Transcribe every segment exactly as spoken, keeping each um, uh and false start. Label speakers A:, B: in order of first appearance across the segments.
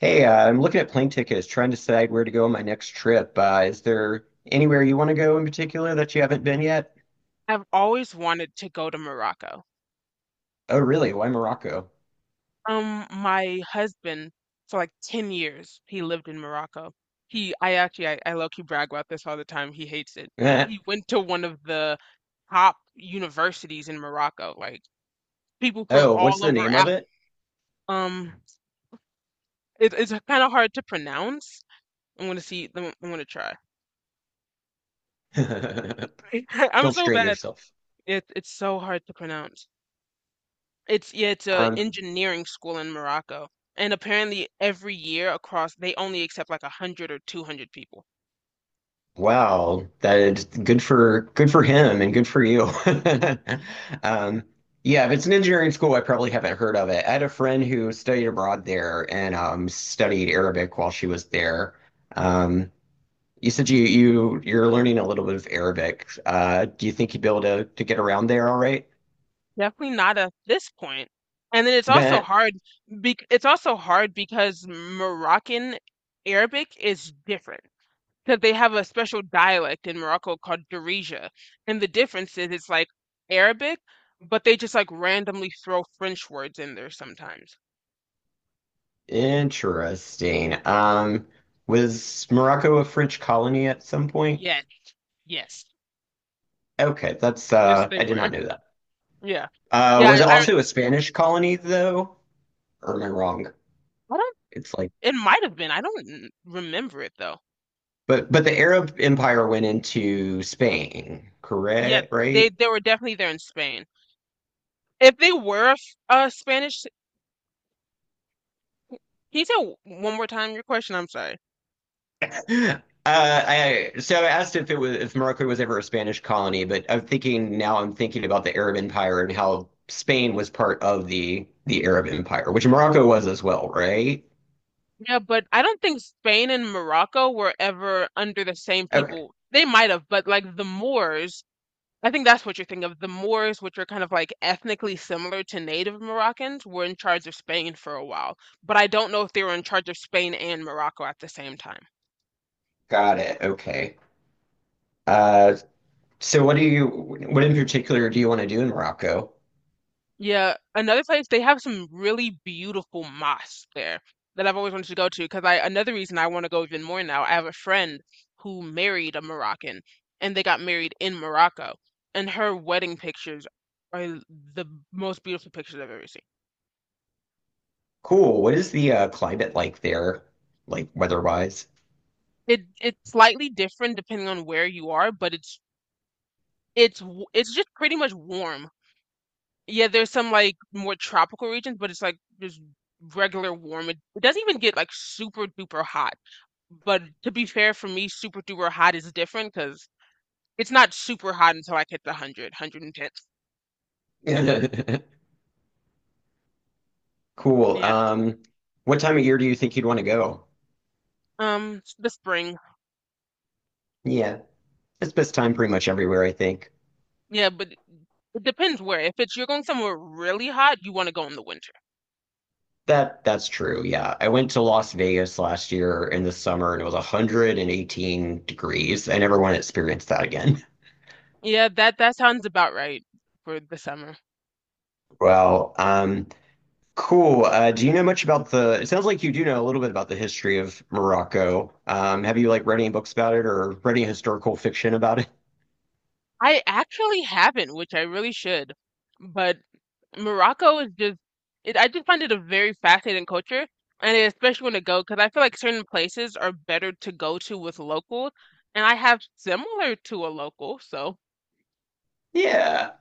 A: Hey, uh, I'm looking at plane tickets, trying to decide where to go on my next trip. Uh, is there anywhere you want to go in particular that you haven't been yet?
B: I've always wanted to go to Morocco.
A: Oh, really? Why Morocco?
B: Um, my husband, for like ten years, he lived in Morocco. He, I actually, I, I low-key brag about this all the time. He hates it.
A: Eh.
B: He went to one of the top universities in Morocco, like people from
A: Oh, what's
B: all
A: the
B: over
A: name of
B: Af
A: it?
B: Um, it, it's kind of hard to pronounce. I'm gonna see, I'm gonna try. I'm
A: Don't
B: so
A: strain
B: bad.
A: yourself.
B: It, it's so hard to pronounce. It's yeah, it's a
A: Um,
B: engineering school in Morocco. And apparently every year across they only accept like a hundred or two hundred people.
A: wow, that is good for good for him and good for you. Um, yeah, if it's an engineering school, I probably haven't heard of it. I had a friend who studied abroad there and um, studied Arabic while she was there. Um, You said you, you you're learning a little bit of Arabic. Uh, do you think you'd be able to to get around there all right?
B: Definitely not at this point. And then it's also
A: That
B: hard bec it's also hard because Moroccan Arabic is different. Because they have a special dialect in Morocco called Darija. And the difference is it's like Arabic, but they just like randomly throw French words in there sometimes.
A: interesting. Um, was Morocco a French colony at some point?
B: Yes, yes.
A: Okay, that's
B: Yes,
A: uh
B: they
A: I did not
B: were.
A: know that.
B: Yeah.
A: Uh,
B: Yeah,
A: was
B: I,
A: it
B: I
A: also a Spanish colony though? Or am I wrong?
B: I don't
A: It's like
B: It might have been. I don't n- remember it though.
A: but but the Arab Empire went into Spain,
B: Yet
A: correct?
B: they
A: Right?
B: they were definitely there in Spain. If they were f- uh Spanish, can you tell one more time your question? I'm sorry.
A: Uh, I so I asked if it was if Morocco was ever a Spanish colony, but I'm thinking now I'm thinking about the Arab Empire and how Spain was part of the the Arab Empire, which Morocco was as well, right?
B: Yeah, but I don't think Spain and Morocco were ever under the same
A: Okay,
B: people. They might have, but like the Moors, I think that's what you're thinking of. The Moors, which are kind of like ethnically similar to native Moroccans, were in charge of Spain for a while. But I don't know if they were in charge of Spain and Morocco at the same time.
A: got it. Okay. Uh, so what do you what in particular do you want to do in Morocco?
B: Yeah, another place they have some really beautiful mosques there that I've always wanted to go to because I another reason I want to go even more now. I have a friend who married a Moroccan and they got married in Morocco and her wedding pictures are the most beautiful pictures I've ever seen.
A: Cool. What is the uh, climate like there, like weather-wise?
B: It it's slightly different depending on where you are, but it's it's w- it's just pretty much warm. Yeah, there's some like more tropical regions, but it's like just regular warm. It, it doesn't even get like super duper hot. But to be fair, for me, super duper hot is different because it's not super hot until I hit the one hundred,
A: Cool.
B: yeah.
A: Um, what time of year do you think you'd want to go?
B: Um, s- the spring.
A: Yeah, it's best time pretty much everywhere, I think.
B: Yeah, but it depends where. If it's you're going somewhere really hot, you want to go in the winter.
A: That that's true. Yeah. I went to Las Vegas last year in the summer and it was one hundred eighteen degrees. I never want to experience that again.
B: Yeah, that that sounds about right for the summer.
A: Well, um, cool. Uh, do you know much about the, it sounds like you do know a little bit about the history of Morocco. Um, have you like read any books about it or read any historical fiction about it?
B: I actually haven't, which I really should. But Morocco is just it, I just find it a very fascinating culture, and especially when to go because I feel like certain places are better to go to with locals, and I have similar to a local, so
A: Yeah.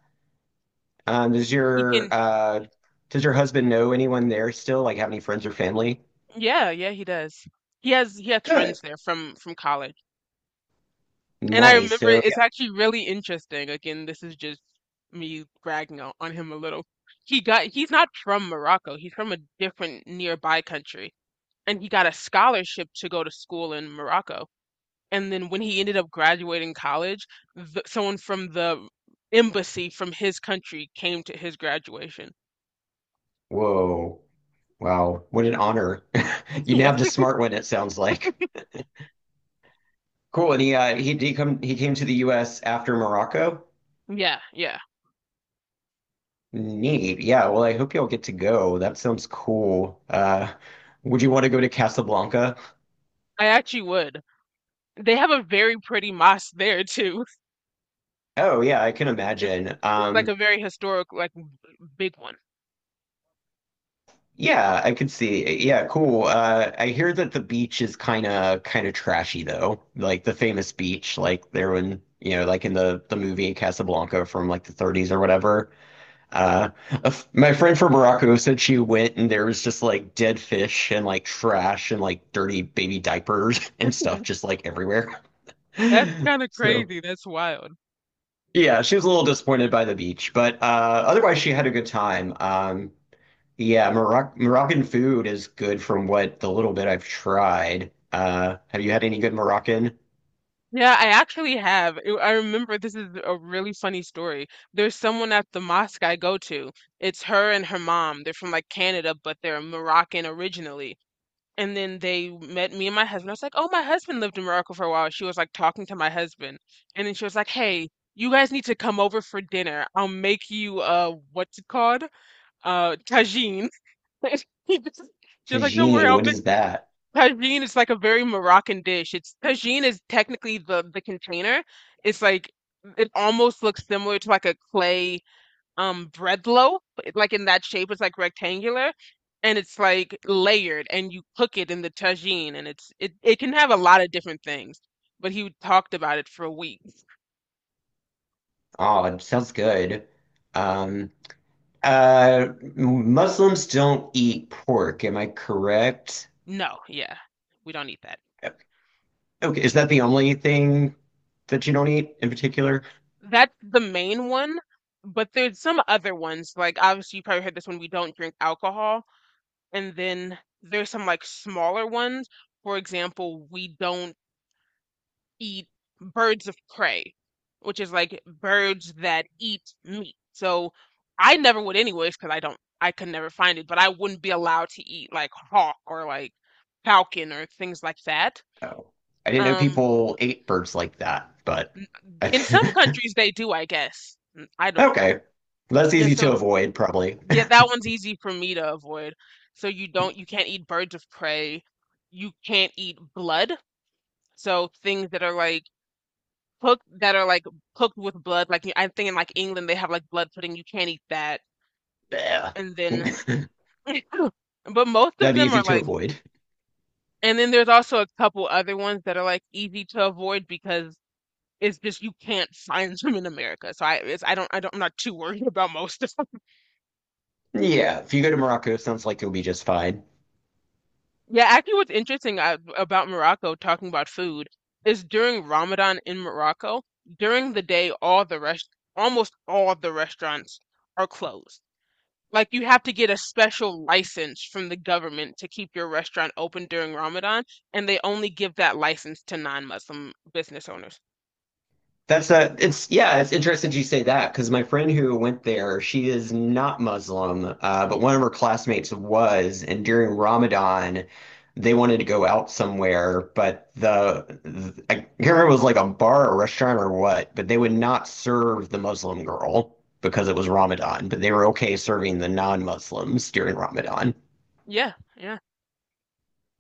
A: Um, does
B: he
A: your
B: can.
A: uh does your husband know anyone there still? Like have any friends or family?
B: Yeah, yeah, he does. He has he has friends
A: Good.
B: there from from college, and I
A: Nice.
B: remember
A: So yeah.
B: it's actually really interesting. Again, this is just me bragging on, on him a little. He got he's not from Morocco. He's from a different nearby country and he got a scholarship to go to school in Morocco. And then when he ended up graduating college, the, someone from the embassy from his country came to his graduation.
A: Whoa. Wow, what an honor. You
B: Yeah.
A: nabbed a smart one, it sounds like. Cool. And he uh he he come he came to the U S after Morocco.
B: Yeah, yeah.
A: Neat. Yeah, well I hope y'all get to go. That sounds cool. Uh would you want to go to Casablanca?
B: I actually would. They have a very pretty mosque there too.
A: Oh yeah, I can
B: It's,
A: imagine.
B: it's like
A: Um
B: a very historic, like big one.
A: yeah, I could see. Yeah, cool. Uh I hear that the beach is kind of kind of trashy though. Like the famous beach like there when, you know, like in the the movie Casablanca from like the thirties or whatever. Uh, a f- my friend from Morocco said she went and there was just like dead fish and like trash and like dirty baby diapers and stuff just like everywhere.
B: That's kind of
A: So
B: crazy. That's wild.
A: yeah, she was a little disappointed by the beach, but uh, otherwise she had a good time. Um, yeah, Moroc Moroccan food is good from what the little bit I've tried. Uh, have you had any good Moroccan?
B: Yeah, I actually have. I I remember this is a really funny story. There's someone at the mosque I go to. It's her and her mom. They're from like Canada, but they're Moroccan originally. And then they met me and my husband. I was like, "Oh, my husband lived in Morocco for a while." She was like talking to my husband, and then she was like, "Hey, you guys need to come over for dinner. I'll make you uh, what's it called? Uh, tagine." She was like, "Don't worry,
A: Tagine,
B: I'll
A: what
B: make."
A: is that?
B: Tagine is like a very Moroccan dish. It's tagine is technically the the container. It's like it almost looks similar to like a clay um bread loaf. It- Like in that shape, it's like rectangular and it's like layered and you cook it in the tagine and it's it, it can have a lot of different things. But he talked about it for a week.
A: Oh, it sounds good. Um, Uh, Muslims don't eat pork, am I correct?
B: No, yeah. We don't eat that.
A: Okay, is that the only thing that you don't eat in particular?
B: That's the main one, but there's some other ones. Like obviously you probably heard this one, we don't drink alcohol. And then there's some like smaller ones. For example, we don't eat birds of prey, which is like birds that eat meat. So I never would anyways, because I don't, I could never find it, but I wouldn't be allowed to eat like hawk or like falcon or things like that.
A: Oh, I didn't know
B: Um,
A: people ate birds like that, but
B: n- in some
A: I,
B: countries they do, I guess. N- I don't,
A: okay, that's
B: yeah,
A: easy to
B: so
A: avoid, probably.
B: yeah, that one's easy for me to avoid. So you don't, you can't eat birds of prey. You can't eat blood. So things that are like cooked that are like cooked with blood, like I think in like England they have like blood pudding, you can't eat that.
A: Yeah.
B: And then
A: That'd
B: but most of
A: be
B: them are
A: easy to
B: like
A: avoid.
B: and then there's also a couple other ones that are like easy to avoid because it's just you can't find them in America. So I it's, I don't I don't I'm not too worried about most of them.
A: Yeah, if you go to Morocco, it sounds like you'll be just fine.
B: Yeah, actually what's interesting uh, about Morocco talking about food is during Ramadan in Morocco, during the day all the rest almost all the restaurants are closed. Like you have to get a special license from the government to keep your restaurant open during Ramadan, and they only give that license to non-Muslim business owners.
A: That's a, it's, yeah, it's interesting you say that because my friend who went there, she is not Muslim, uh, but one of her classmates was. And during Ramadan, they wanted to go out somewhere, but the, the- I can't remember if it was like a bar or restaurant or what, but they would not serve the Muslim girl because it was Ramadan, but they were okay serving the non-Muslims during Ramadan.
B: Yeah, yeah.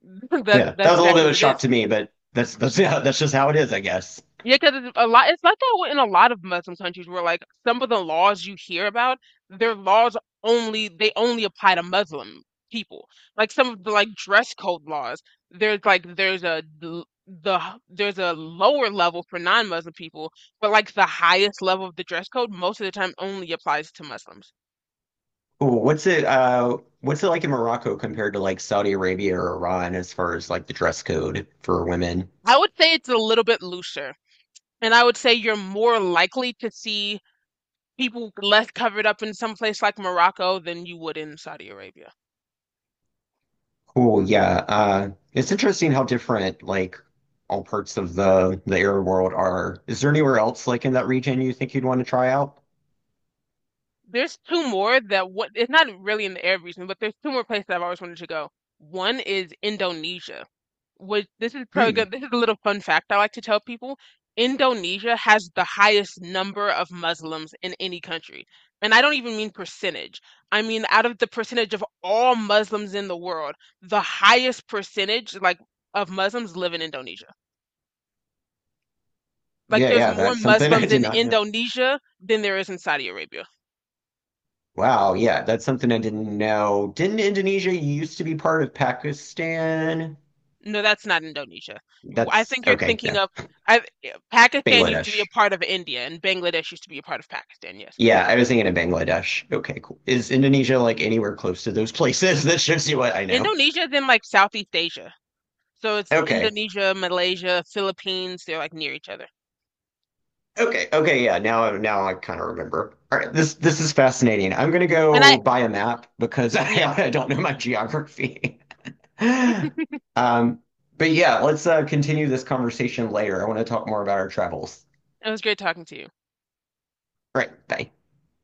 B: That's
A: Yeah, that
B: that's
A: was a little
B: exactly
A: bit of
B: what
A: a
B: it
A: shock
B: is.
A: to me, but that's, that's, yeah, that's just how it is, I guess.
B: Yeah, because a lot, it's like that in a lot of Muslim countries where like some of the laws you hear about, their laws only they only apply to Muslim people. Like some of the like dress code laws, there's like there's a l- the h- there's a lower level for non-Muslim people, but like the highest level of the dress code most of the time only applies to Muslims.
A: Ooh, what's it uh what's it like in Morocco compared to like Saudi Arabia or Iran as far as like the dress code for women?
B: I would say it's a little bit looser, and I would say you're more likely to see people less covered up in some place like Morocco than you would in Saudi Arabia.
A: Cool, yeah. Uh it's interesting how different like all parts of the the Arab world are. Is there anywhere else like in that region you think you'd want to try out?
B: There's two more that what it's not really in the Arab region, but there's two more places I've always wanted to go. One is Indonesia, which this is probably
A: Hmm.
B: good. This is a little fun fact I like to tell people. Indonesia has the highest number of Muslims in any country. And I don't even mean percentage. I mean out of the percentage of all Muslims in the world, the highest percentage like of Muslims live in Indonesia. Like
A: Yeah,
B: there's
A: yeah,
B: more
A: that's something I
B: Muslims
A: did
B: in
A: not know.
B: Indonesia than there is in Saudi Arabia.
A: Wow, yeah, that's something I didn't know. Didn't Indonesia used to be part of Pakistan?
B: No, that's not Indonesia. W- I
A: That's
B: think you're
A: okay,
B: thinking
A: yeah.
B: of I, yeah, Pakistan used to be a
A: Bangladesh.
B: part of India, and Bangladesh used to be a part of Pakistan, yes.
A: Yeah, I was thinking of Bangladesh. Okay, cool. Is Indonesia like anywhere close to those places? That shows you what I know.
B: Indonesia is in like Southeast Asia. So it's
A: Okay.
B: Indonesia, Malaysia, Philippines, they're like near each other.
A: Okay. Okay, yeah. Now now I kind of remember. All right, this this is fascinating. I'm gonna
B: And I,
A: go buy a map because I,
B: yeah,
A: I don't know my geography. Um, but yeah, let's uh, continue this conversation later. I want to talk more about our travels.
B: it was great talking to you.
A: All right, bye.